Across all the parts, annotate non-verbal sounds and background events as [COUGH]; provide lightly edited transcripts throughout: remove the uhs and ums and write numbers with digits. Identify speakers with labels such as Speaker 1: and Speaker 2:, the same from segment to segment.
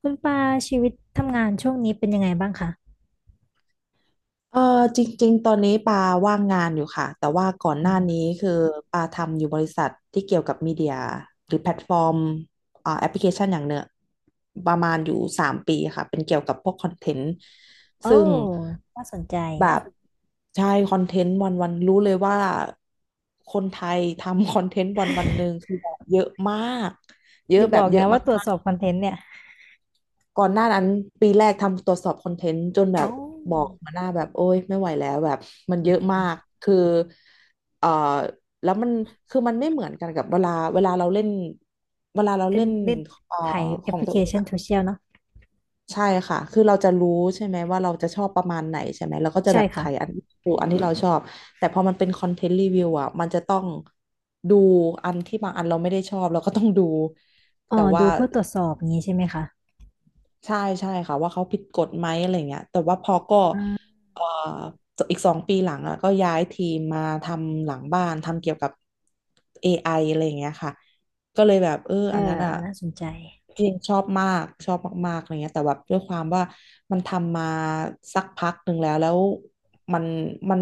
Speaker 1: คุณปาชีวิตทำงานช่วงนี้เป็นยังไงบ้างคะ
Speaker 2: เออจริงๆตอนนี้ปาว่างงานอยู่ค่ะแต่ว่าก่อนห
Speaker 1: อื
Speaker 2: น้านี้
Speaker 1: ม
Speaker 2: คือปาทำอยู่บริษัทที่เกี่ยวกับมีเดียหรือแพลตฟอร์มแอปพลิเคชันอย่างเนื้อประมาณอยู่3 ปีค่ะเป็นเกี่ยวกับพวกคอนเทนต์
Speaker 1: โอ้
Speaker 2: ซึ่ง
Speaker 1: น่าสนใจ
Speaker 2: แบบใช่คอนเทนต์วันวันรู้เลยว่าคนไทยทำ [LAUGHS] คอนเทนต์วันวันหนึ่งคือแบบเยอะมากเย
Speaker 1: อ
Speaker 2: อะ
Speaker 1: ย่า
Speaker 2: แบ
Speaker 1: บอ
Speaker 2: บ
Speaker 1: ก
Speaker 2: เย
Speaker 1: นะ
Speaker 2: อะ
Speaker 1: ว่าตรวจสอบคอนเทนต์เนี่ย
Speaker 2: ก่อนหน้านั้นปีแรกทำตรวจสอบคอนเทนต์จนแบบ
Speaker 1: โอ้
Speaker 2: บอกหัวหน้าแบบโอ้ยไม่ไหวแล้วแบบมัน
Speaker 1: อื
Speaker 2: เย
Speaker 1: ม
Speaker 2: อะ
Speaker 1: อืม
Speaker 2: มา
Speaker 1: อืม
Speaker 2: กคือเอ่อแล้วมันคือมันไม่เหมือนกันกับเวลาเราเล่นเวลาเรา
Speaker 1: เป็น
Speaker 2: เล่น
Speaker 1: เล่น
Speaker 2: เอ่อ
Speaker 1: ถ่ายแอ
Speaker 2: ข
Speaker 1: ป
Speaker 2: อ
Speaker 1: พ
Speaker 2: ง
Speaker 1: ลิ
Speaker 2: ตั
Speaker 1: เค
Speaker 2: วเอง
Speaker 1: ชัน
Speaker 2: อะ
Speaker 1: โซเชียลเนาะ
Speaker 2: ใช่ค่ะคือเราจะรู้ใช่ไหมว่าเราจะชอบประมาณไหนใช่ไหมเราก็จะ
Speaker 1: ใช่
Speaker 2: แบบ
Speaker 1: ค่ะ
Speaker 2: ถ่ายอันดูอันที่เราชอบแต่พอมันเป็นคอนเทนต์รีวิวอะมันจะต้องดูอันที่บางอันเราไม่ได้ชอบเราก็ต้องดู
Speaker 1: อ๋อ
Speaker 2: แต่ว่า
Speaker 1: ดูเพื่อตรวจสอบอย่างนี้ใช่ไหมคะ
Speaker 2: ใช่ใช่ค่ะว่าเขาผิดกฎไหมอะไรเงี้ยแต่ว่าพอก็
Speaker 1: อืม
Speaker 2: เอ่ออีก2 ปีหลังอ่ะก็ย้ายทีมมาทำหลังบ้านทำเกี่ยวกับเอ i ออะไรอย่างเงี้ยค่ะก็เลยแบบเออ
Speaker 1: เออ
Speaker 2: อันนั้นอ่ะ
Speaker 1: น่าสนใจ
Speaker 2: เพีงชอบมากชอบมากๆอะไรเงี้ยแต่แบบด้วยความว่ามันทำมาสักพักหนึ่งแล้วมันมัน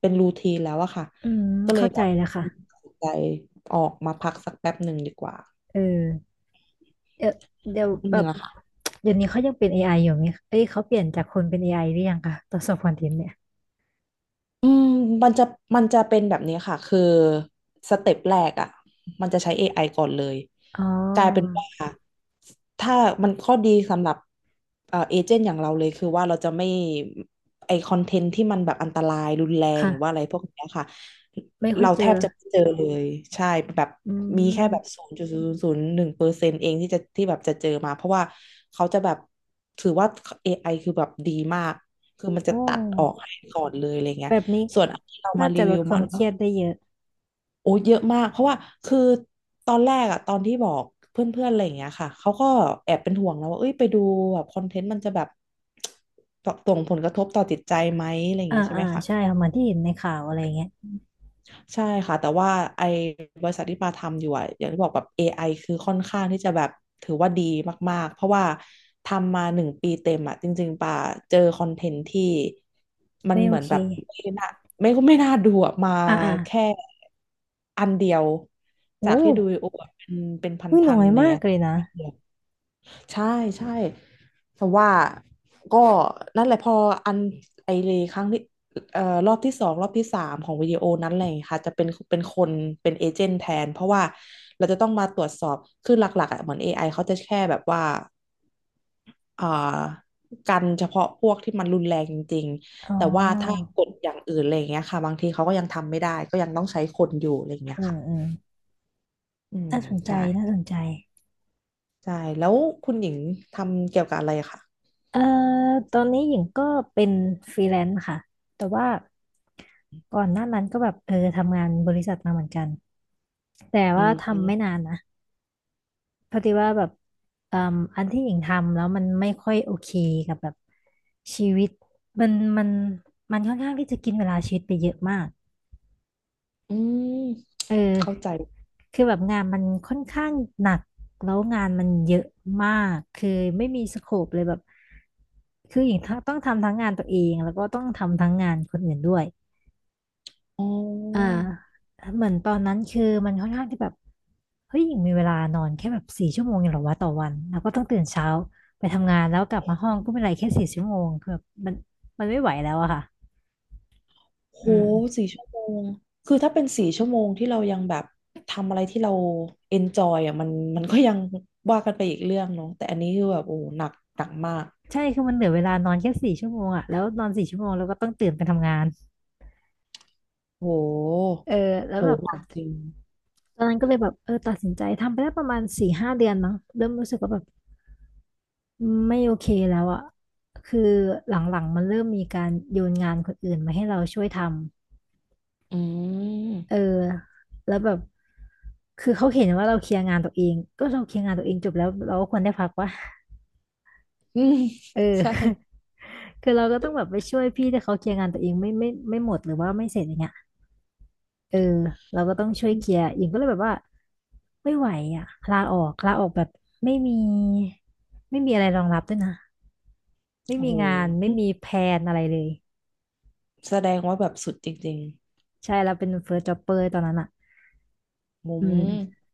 Speaker 2: เป็นรูทีนแล้วอะค่ะ
Speaker 1: อืม
Speaker 2: ก็เลย
Speaker 1: เข้า
Speaker 2: แบ
Speaker 1: ใจ
Speaker 2: บ
Speaker 1: แล้วค่ะ
Speaker 2: ตัดสินใจออกมาพักสักแป๊บหนึ่งดีกว่า
Speaker 1: เออเดี๋ยวเดี๋ยว
Speaker 2: จ
Speaker 1: แบ
Speaker 2: ริ
Speaker 1: บ
Speaker 2: งๆอะค่ะ
Speaker 1: เดี๋ยวนี้เขายังเป็น AI อยู่ไหมเอ้ยเขาเปลี่ยนจากคนเป็น AI หรือยังคะตรวจสอบคอนเทนต์เนี่ย
Speaker 2: อืมมันจะมันจะเป็นแบบนี้ค่ะคือสเต็ปแรกอ่ะมันจะใช้ AI ก่อนเลย
Speaker 1: อ๋
Speaker 2: กลายเป็น
Speaker 1: อ
Speaker 2: ว่าถ้ามันข้อดีสำหรับเอเจนต์อย่างเราเลยคือว่าเราจะไม่ไอคอนเทนต์ที่มันแบบอันตรายรุนแรงหรือว่าอะ
Speaker 1: ค่ะ
Speaker 2: ไรพวกเนี้ยค่ะ
Speaker 1: ไม่ค่อย
Speaker 2: เรา
Speaker 1: เจ
Speaker 2: แท
Speaker 1: อ
Speaker 2: บจะไม่เจอเลยใช่แบบ
Speaker 1: อื
Speaker 2: มีแค่แบบ
Speaker 1: ม
Speaker 2: 0.001%เองที่จะที่แบบจะเจอมาเพราะว่าเขาจะแบบถือว่า AI คือแบบดีมากคือมันจะ
Speaker 1: โอ้
Speaker 2: ตัดออกให้ก่อนเลยอะไรเงี้
Speaker 1: แบ
Speaker 2: ย
Speaker 1: บนี้
Speaker 2: ส่วนอันที่เรามา
Speaker 1: น่า
Speaker 2: รี
Speaker 1: จะล
Speaker 2: วิว
Speaker 1: ดค
Speaker 2: มั
Speaker 1: วาม
Speaker 2: น
Speaker 1: เค
Speaker 2: ก็
Speaker 1: รียดได้เยอะ
Speaker 2: โอ้เยอะมากเพราะว่าคือตอนแรกอะตอนที่บอกเพื่อนๆอะไรอย่างเงี้ยค่ะเขาก็แอบเป็นห่วงแล้วว่าเอ้ยไปดูแบบคอนเทนต์มันจะแบบส่งผลกระทบต่อจิตใจไหมอะไรอย่าง
Speaker 1: อ่า
Speaker 2: งี้ใช่ไห
Speaker 1: อ่า
Speaker 2: มคะ
Speaker 1: ใช่ค่ะเหมือนที่เห็นในข่าวอะไรเงี้ย
Speaker 2: ใช่ค่ะแต่ว่าไอ้บริษัทที่ปาทำอยู่อะอย่างที่บอกแบบ AI คือค่อนข้างที่จะแบบถือว่าดีมากๆเพราะว่าทำมา1 ปีเต็มอะจริงๆปาเจอคอนเทนต์ที่มัน
Speaker 1: ไม่
Speaker 2: เห
Speaker 1: โอ
Speaker 2: มือน
Speaker 1: เค
Speaker 2: แบบไม่น่าไม่น่าดูอะมา
Speaker 1: อ่าอ่า
Speaker 2: แค่อันเดียวจา
Speaker 1: โอ้
Speaker 2: กที่ดูโอ้เป็นเป็น
Speaker 1: ไม่น้
Speaker 2: พั
Speaker 1: อ
Speaker 2: น
Speaker 1: ย
Speaker 2: ๆ
Speaker 1: มาก
Speaker 2: เนี่ย
Speaker 1: เลยนะ
Speaker 2: ใช่ใช่แต่ว่าก็นั่นแหละพออันไอเลครั้งที่รอบที่สองรอบที่สามของวิดีโอนั้นอะไรอย่างเงี้ยค่ะจะเป็นเป็นคนเป็นเอเจนต์แทนเพราะว่าเราจะต้องมาตรวจสอบคือหลักๆอ่ะเหมือน AI เขาจะแค่แบบว่าอ่ากันเฉพาะพวกที่มันรุนแรงจริง
Speaker 1: อ๋
Speaker 2: ๆแต่ว่าถ้า
Speaker 1: อ
Speaker 2: กดอย่างอื่นอะไรอย่างเงี้ยค่ะบางทีเขาก็ยังทำไม่ได้ก็ยังต้องใช้คนอยู่อะไรอย่างเงี้ย
Speaker 1: อืม
Speaker 2: ค่ะ
Speaker 1: อืม
Speaker 2: อืม
Speaker 1: น่าสนใจ
Speaker 2: ใช่
Speaker 1: น่าสนใจ
Speaker 2: ใช่แล้วคุณหญิงทำเกี่ยวกับอะไรอะค่ะ
Speaker 1: เอ่อตอนนี้หญิงก็เป็นฟรีแลนซ์ค่ะ แต่ว่าก่อนหน้านั้นก็แบบเออทำงานบริษัทมาเหมือนกัน แต่
Speaker 2: อื
Speaker 1: ว่าทำไม่
Speaker 2: ม
Speaker 1: นานนะ พอดีว่าแบบเอ่มอันที่หญิงทำแล้วมันไม่ค่อยโอเคกับแบบชีวิตมันมันมันค่อนข้างที่จะกินเวลาชีวิตไปเยอะมาก
Speaker 2: อืม
Speaker 1: เออ
Speaker 2: เข้าใจ
Speaker 1: คือแบบงานมันค่อนข้างหนักแล้วงานมันเยอะมากคือไม่มีสโคปเลยแบบคือหญิงต้องทำทั้งงานตัวเองแล้วก็ต้องทำทั้งงานคนอื่นด้วย
Speaker 2: อ๋
Speaker 1: อ่า
Speaker 2: อ
Speaker 1: เหมือนตอนนั้นคือมันค่อนข้างที่แบบเฮ้ยยังมีเวลานอนแค่แบบสี่ชั่วโมงเองเหรอวะต่อวันแล้วก็ต้องตื่นเช้าไปทำงานแล้วกลับมาห้องก็ไม่ไรแค่สี่ชั่วโมงคือแบบมันไม่ไหวแล้วอะค่ะ
Speaker 2: โห
Speaker 1: อืม
Speaker 2: สี่ชั่วโมงคือถ้าเป็นสี่ชั่วโมงที่เรายังแบบทำอะไรที่เราเอนจอยอ่ะมันมันก็ยังว่ากันไปอีกเรื่องเนาะแต่อันนี้คือแบบโอ้หนักหนักมาก
Speaker 1: ใช่คือมันเหลือเวลานอนแค่สี่ชั่วโมงอะแล้วนอนสี่ชั่วโมงแล้วก็ต้องตื่นไปทำงาน
Speaker 2: โห
Speaker 1: เออแล้ว
Speaker 2: โห
Speaker 1: แบบ
Speaker 2: หนักจริง
Speaker 1: ตอนนั้นก็เลยแบบเออตัดสินใจทำไปได้ประมาณสี่ห้าเดือนมั้งเริ่มรู้สึกว่าแบบไม่โอเคแล้วอะคือหลังๆมันเริ่มมีการโยนงานคนอื่นมาให้เราช่วยทำ
Speaker 2: อื
Speaker 1: เออ
Speaker 2: ม
Speaker 1: แล้วแบบคือเขาเห็นว่าเราเคลียร์งานตัวเองก็เราเคลียร์งานตัวเองจบแล้วเราก็ควรได้พักวะ
Speaker 2: [LAUGHS] อืม
Speaker 1: เอ
Speaker 2: ใช่
Speaker 1: อ [LAUGHS] คือเราก็ต้องแบบไปช่วยพี่ที่เขาเคลียร์งานตัวเองไม่หมดหรือว่าไม่เสร็จอย่างเงี้ยเออเราก็ต้องช่วยเคลียร์อิงก็เลยแบบว่าไม่ไหวอ่ะลาออกแบบไม่มีไม่มีอะไรรองรับด้วยนะไม่
Speaker 2: โอ้
Speaker 1: มี
Speaker 2: โห
Speaker 1: งานไม่มีแผนอะไรเลย
Speaker 2: แสดงว่าแบบสุดจริง
Speaker 1: ใช่เราเป็นเฟิร์สจ็อบเปอร์ตอนนั้นอ่ะ
Speaker 2: ๆมุ
Speaker 1: อื
Speaker 2: ม
Speaker 1: ม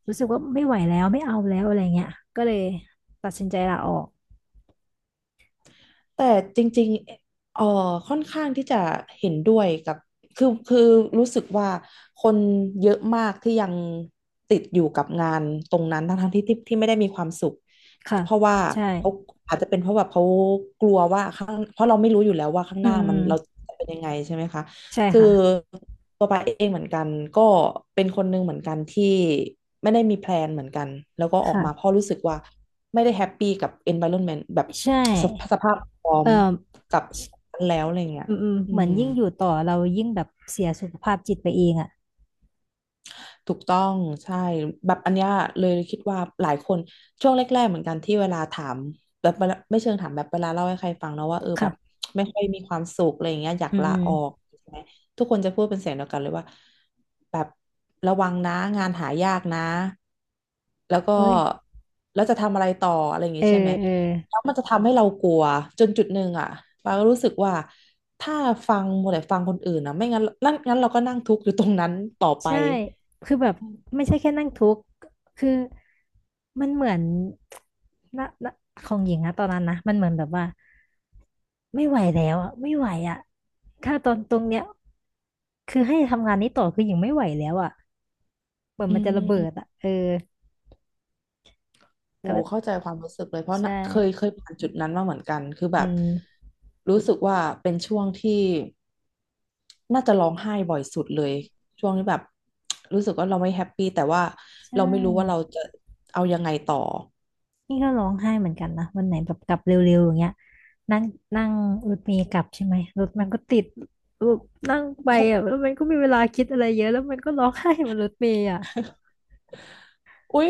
Speaker 1: รู้สึกว่าไม่ไหวแล้วไม่เอาแล้วอะไรเงี้ยก็เลยตัดสินใจลาออก
Speaker 2: แต่จริงๆค่อนข้างที่จะเห็นด้วยกับคือรู้สึกว่าคนเยอะมากที่ยังติดอยู่กับงานตรงนั้นทั้งๆที่ไม่ได้มีความสุข
Speaker 1: ค่ะ
Speaker 2: เพราะว่า
Speaker 1: ใช่
Speaker 2: เขาอาจจะเป็นเพราะแบบเขากลัวว่าข้างเพราะเราไม่รู้อยู่แล้วว่าข้าง
Speaker 1: อื
Speaker 2: ห
Speaker 1: ม
Speaker 2: น้า
Speaker 1: อื
Speaker 2: มั
Speaker 1: ม
Speaker 2: นเราจะเป็นยังไงใช่ไหมคะ
Speaker 1: ใช่
Speaker 2: คือ
Speaker 1: ค่ะ
Speaker 2: ตัวปาเองเหมือนกันก็เป็นคนหนึ่งเหมือนกันที่ไม่ได้มีแพลนเหมือนกันแล้วก็ออกมาเพ
Speaker 1: ค่ะ
Speaker 2: ราะรู้สึกว่า ไม่ได้แฮปปี้กับ environment แบบ
Speaker 1: ใช่
Speaker 2: สภาพพร้อ
Speaker 1: เอ
Speaker 2: ม
Speaker 1: อ
Speaker 2: กับแล้วอะไรเงี้ย
Speaker 1: อืมอืม
Speaker 2: อื
Speaker 1: เหมือน
Speaker 2: ม
Speaker 1: ยิ่งอยู่ต่อเรายิ่งแบบเสียสุขภาพจิตไปเองอ่ะ
Speaker 2: ถูกต้องใช่แบบอันเนี้ยเลยคิดว่าหลายคนช่วงแรกๆเหมือนกันที่เวลาถามแบบเวลาไม่เชิงถามแบบเวลาเล่าให้ใครฟังแล้วว่าเออแบบ
Speaker 1: ค่ะ
Speaker 2: ไม่ค่อยมีความสุขอะไรอย่างเงี้ยอยาก
Speaker 1: อืม
Speaker 2: ลา
Speaker 1: อืม
Speaker 2: ออกใช่ไหมทุกคนจะพูดเป็นเสียงเดียวกันเลยว่าแบบระวังนะงานหายากนะแล้วก็
Speaker 1: อุ้ย
Speaker 2: แล้วจะทำอะไรต่ออะไรอย่าง
Speaker 1: เอ
Speaker 2: งี้
Speaker 1: อ
Speaker 2: ใช่ไหม
Speaker 1: เออ
Speaker 2: แล้วมันจะทำให้เรากลัวจนจุดหนึ่งอ่ะปาก็รู้สึกว่าถ้าฟังหมดแต่ฟังคนอื่นนะไม่งั้นนั่นงั้นเราก็นั่งทุกข์อยู่ตรงนั้นต่อไป
Speaker 1: ใช่คือแบบไม่ใช่แค่นั่งทุกข์คือมันเหมือนนะของหญิงนะตอนนั้นนะมันเหมือนแบบว่าไม่ไหวแล้วอ่ะไม่ไหวอ่ะถ้าตอนตรงเนี้ยคือให้ทำงานนี้ต่อคือหญิงไม่ไหวแล้วอ่ะเหมือน
Speaker 2: อื
Speaker 1: มันจะระ
Speaker 2: ม
Speaker 1: เบิ
Speaker 2: อืม
Speaker 1: ดอ่ะเออแต่
Speaker 2: โอ้
Speaker 1: ว่า
Speaker 2: เข้าใจความรู้สึกเลยเพราะ
Speaker 1: ใช่
Speaker 2: น่ะเคยผ่านจุดนั้นมาเหมือนกัน คือแบ
Speaker 1: อื
Speaker 2: บ
Speaker 1: ม
Speaker 2: รู้สึกว่าเป็นช่วงที่น่าจะร้องไห้บ่อยสุดเลยช่วงที่แบบรู้สึกว่าเราไม่แฮปปี้แต่ว่า
Speaker 1: ใช่
Speaker 2: เราไม่รู้ว่าเราจะเอายังไงต่อ
Speaker 1: นี่ก็ร้องไห้เหมือนกันนะวันไหนแบบกลับเร็วๆอย่างเงี้ยนั่งนั่งรถเมล์กลับใช่ไหมรถมันก็ติดแบบนั่งไปอ่ะแล้วมันก็มีเวลาคิดอะไรเยอะแล้วมันก็ร้องไห้บนรถเมล์อ่ะ
Speaker 2: อุ๊ย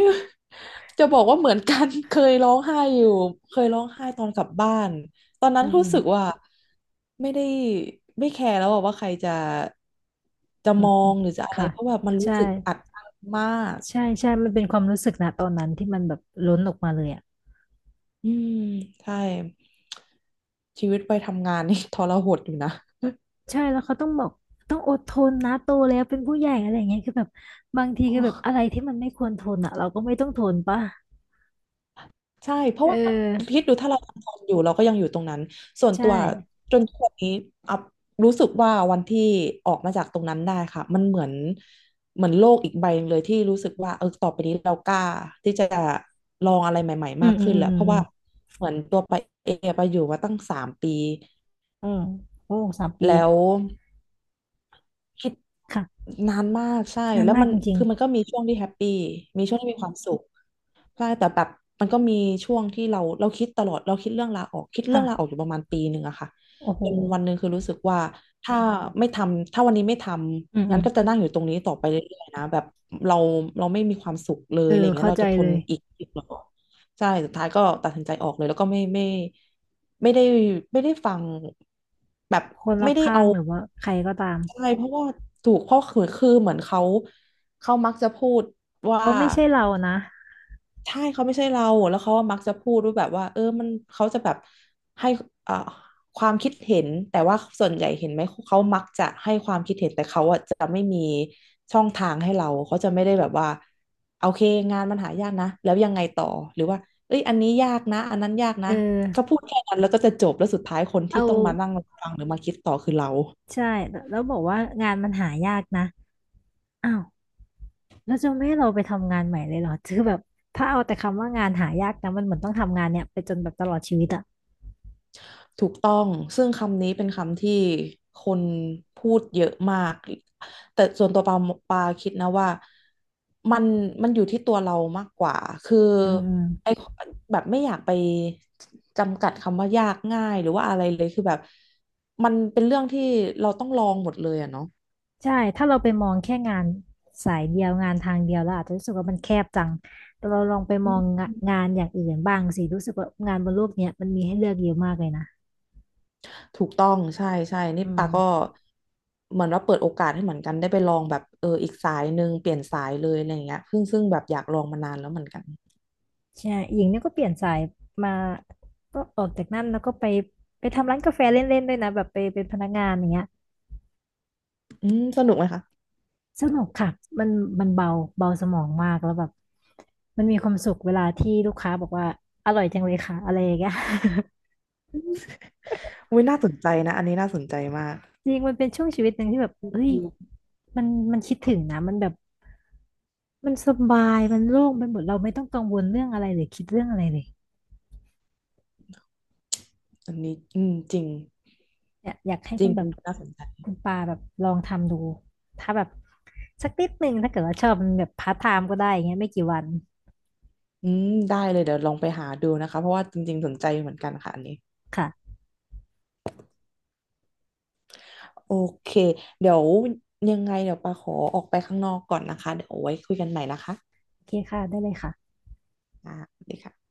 Speaker 2: จะบอกว่าเหมือนกัน [LAUGHS] เคยร้องไห้อยู่เคยร้องไห้ตอนกลับบ้านตอนนั้
Speaker 1: อื
Speaker 2: น
Speaker 1: ม
Speaker 2: รู้
Speaker 1: อืม
Speaker 2: สึกว่าไม่ได้ไม่แคร์แล้วอะว่าใครจะจะ
Speaker 1: อื
Speaker 2: ม
Speaker 1: ม
Speaker 2: อ
Speaker 1: อืม
Speaker 2: งหรือจะอะไร
Speaker 1: ค่ะ
Speaker 2: เพราะแบบมันรู้
Speaker 1: ใช่
Speaker 2: สึกอัดอั้นมาก
Speaker 1: ใช่ใช่มันเป็นความรู้สึกนะตอนนั้นที่มันแบบล้นออกมาเลยอ่ะ
Speaker 2: อืมใช่ชีวิตไปทำงานนี่ [LAUGHS] ทรหดอยู่นะ
Speaker 1: ใช่แล้วเขาต้องบอกต้องอดทนนะโตแล้วเป็นผู้ใหญ่อะไรอย่างเงี้ยคือแบบบางทีคือแบบอะไรที่มันไม่ควรทนอ่ะเราก็ไม่ต้องทนป่ะ
Speaker 2: ใช่เพ
Speaker 1: เอ
Speaker 2: ราะว่า
Speaker 1: อ
Speaker 2: คิดดูถ้าเราทำงานอยู่เราก็ยังอยู่ตรงนั้นส่วน
Speaker 1: ใช่
Speaker 2: ตัวจนทุกวันนี้อัพรู้สึกว่าวันที่ออกมาจากตรงนั้นได้ค่ะมันเหมือนเหมือนโลกอีกใบหนึ่งเลยที่รู้สึกว่าเออต่อไปนี้เรากล้าที่จะลองอะไรใหม่ๆ
Speaker 1: อื
Speaker 2: มา
Speaker 1: ม
Speaker 2: ก
Speaker 1: อืม
Speaker 2: ขึ้น
Speaker 1: อืม
Speaker 2: แล้วเพราะ
Speaker 1: อืม
Speaker 2: ว่าเหมือนตัวไปเอไปอยู่มาตั้งสามปี
Speaker 1: อืมโอ้สามปี
Speaker 2: แล้ว คิด
Speaker 1: ค่ะ
Speaker 2: นานมากใช่
Speaker 1: นาน
Speaker 2: แล้ว
Speaker 1: มาก
Speaker 2: มัน
Speaker 1: จริง
Speaker 2: คือมันก็มีช่วงที่แฮปปี้มีช่วงที่มีความสุขใช่แต่แบบมันก็มีช่วงที่เราคิดตลอดเราคิดเรื่องลาออกคิด
Speaker 1: ๆ
Speaker 2: เรื่
Speaker 1: ค่ะ
Speaker 2: องลาออกอยู่ประมาณปีหนึ่งอะค่ะ
Speaker 1: โอ้โห
Speaker 2: จนวันหนึ่งคือรู้สึกว่าถ้าไม่ทำถ้าวันนี้ไม่ท
Speaker 1: อืม
Speaker 2: ำ
Speaker 1: อื
Speaker 2: งั้น
Speaker 1: ม
Speaker 2: ก็จะนั่งอยู่ตรงนี้ต่อไปเรื่อยๆนะแบบเราเราไม่มีความสุขเลย
Speaker 1: เอ
Speaker 2: อะไร
Speaker 1: อ
Speaker 2: อย่างเงี้ย
Speaker 1: เข้า
Speaker 2: เรา
Speaker 1: ใจ
Speaker 2: จะท
Speaker 1: เล
Speaker 2: น
Speaker 1: ย
Speaker 2: อีกเหรอใช่สุดท้ายก็ตัดสินใจออกเลยแล้วก็ไม่ไม่ได้ไม่ได้ฟังแบบ
Speaker 1: คนรอ
Speaker 2: ไม่
Speaker 1: บ
Speaker 2: ได้
Speaker 1: ข้าง
Speaker 2: เอา
Speaker 1: หรือว่าใครก็ตาม
Speaker 2: ใช่เพราะว่าถูกเพราะคือเหมือนเขาเขามักจะพูดว่า
Speaker 1: เขาไม่ใช่เรานะ
Speaker 2: ใช่เขาไม่ใช่เราแล้วเขาก็มักจะพูดว่าแบบว่าเออมันเขาจะแบบให้เอ่อความคิดเห็นแต่ว่าส่วนใหญ่เห็นไหมเขามักจะให้ความคิดเห็นแต่เขาอะจะไม่มีช่องทางให้เราเขาจะไม่ได้แบบว่าโอเคงานมันหายากนะแล้วยังไงต่อหรือว่าเอ้ยอันนี้ยากนะอันนั้นยาก
Speaker 1: เอ
Speaker 2: นะ
Speaker 1: อ
Speaker 2: เขาพูดแค่นั้นแล้วก็จะจบแล้วสุดท้ายคน
Speaker 1: เอา
Speaker 2: ที่ต้องมานั่งฟังหรือมาคิดต่อคือเรา
Speaker 1: ใช่แล้วแล้วบอกว่างานมันหายากนะอ้าวแล้วจะไม่ให้เราไปทำงานใหม่เลยเหรอ [LAUGHS] คือแบบถ้าเอาแต่คำว่างานหายากนะมันเหมือนต้องทำงานเนี่ยไปจนแบบตลอดชีวิตอ่ะ
Speaker 2: ถูกต้องซึ่งคำนี้เป็นคำที่คนพูดเยอะมาก แต่ส่วนตัวปาปาคิดนะว่ามันมันอยู่ที่ตัวเรามากกว่า คือ
Speaker 1: อืม
Speaker 2: ไอแบบไม่อยากไปจำกัดคำว่ายากง่ายหรือว่าอะไรเลยคือแบบมันเป็นเรื่องที่เราต้องลองหมดเลยอะเนาะ
Speaker 1: ใช่ถ้าเราไปมองแค่งานสายเดียวงานทางเดียวเราอาจจะรู้สึกว่ามันแคบจังแต่เราลองไปม
Speaker 2: อื
Speaker 1: อง
Speaker 2: ม
Speaker 1: งะงานอย่างอื่นบ้างสิรู้สึกว่างานบนโลกเนี้ยมันมีให้เลือกเยอะมากเลยนะ
Speaker 2: ถูกต้องใช่ใช่นี่
Speaker 1: อื
Speaker 2: ปาก็
Speaker 1: ม
Speaker 2: เหมือนว่าเปิดโอกาสให้เหมือนกันได้ไปลองแบบเอออีกสายหนึ่งเปลี่ยนสายเลยอะไรอย่างเงี้ยซึ่งแบบอยากลองมานานแล้วเหมือนกัน
Speaker 1: ใช่หญิงเนี่ยก็เปลี่ยนสายมาก็ออกจากนั่นแล้วก็ไปไปทำร้านกาแฟเล่นๆด้วยนะแบบไปเป็นพนักงานอย่างเงี้ย
Speaker 2: อืมสนุกไหมคะ
Speaker 1: สนุกค่ะมันมันเบาเบาสมองมากแล้วแบบมันมีความสุขเวลาที่ลูกค้าบอกว่าอร่อยจังเลยค่ะอะไรอย่างเงี้ย
Speaker 2: อุ้ยน่าสนใจนะอันนี้น่าสนใจมาก
Speaker 1: จริงมันเป็นช่วงชีวิตหนึ่งที่แบบเอ้ย
Speaker 2: อืม
Speaker 1: มันมันคิดถึงนะมันแบบมันสบายมันโล่งไปหมดเราไม่ต้องกังวลเรื่องอะไรเลยคิดเรื่องอะไรเลย
Speaker 2: อันนี้อืมจริง
Speaker 1: เนี่ยอยากให้
Speaker 2: จริ
Speaker 1: คุ
Speaker 2: ง
Speaker 1: ณแบ
Speaker 2: เป็น
Speaker 1: บ
Speaker 2: น่าสนใจ
Speaker 1: คุณปาแบบลองทำดูถ้าแบบสักนิดหนึ่งถ้าเกิดว่าชอบมันแบบพาร์ทไทม์ก็ได้อย่างเงี้ยไม่กี่วัน
Speaker 2: อืมได้เลยเดี๋ยวลองไปหาดูนะคะเพราะว่าจริงๆสนใจเหมือนกันค่ะอันนี้
Speaker 1: ค่ะ
Speaker 2: โอเคเดี๋ยวยังไงเดี๋ยวปาขอออกไปข้างนอกก่อนนะคะเดี๋ยวเอาไว้คุยกันใหม่นะคะ
Speaker 1: โอเคค่ะได้เลยค่ะ
Speaker 2: อ่าสวัสดีค่ะ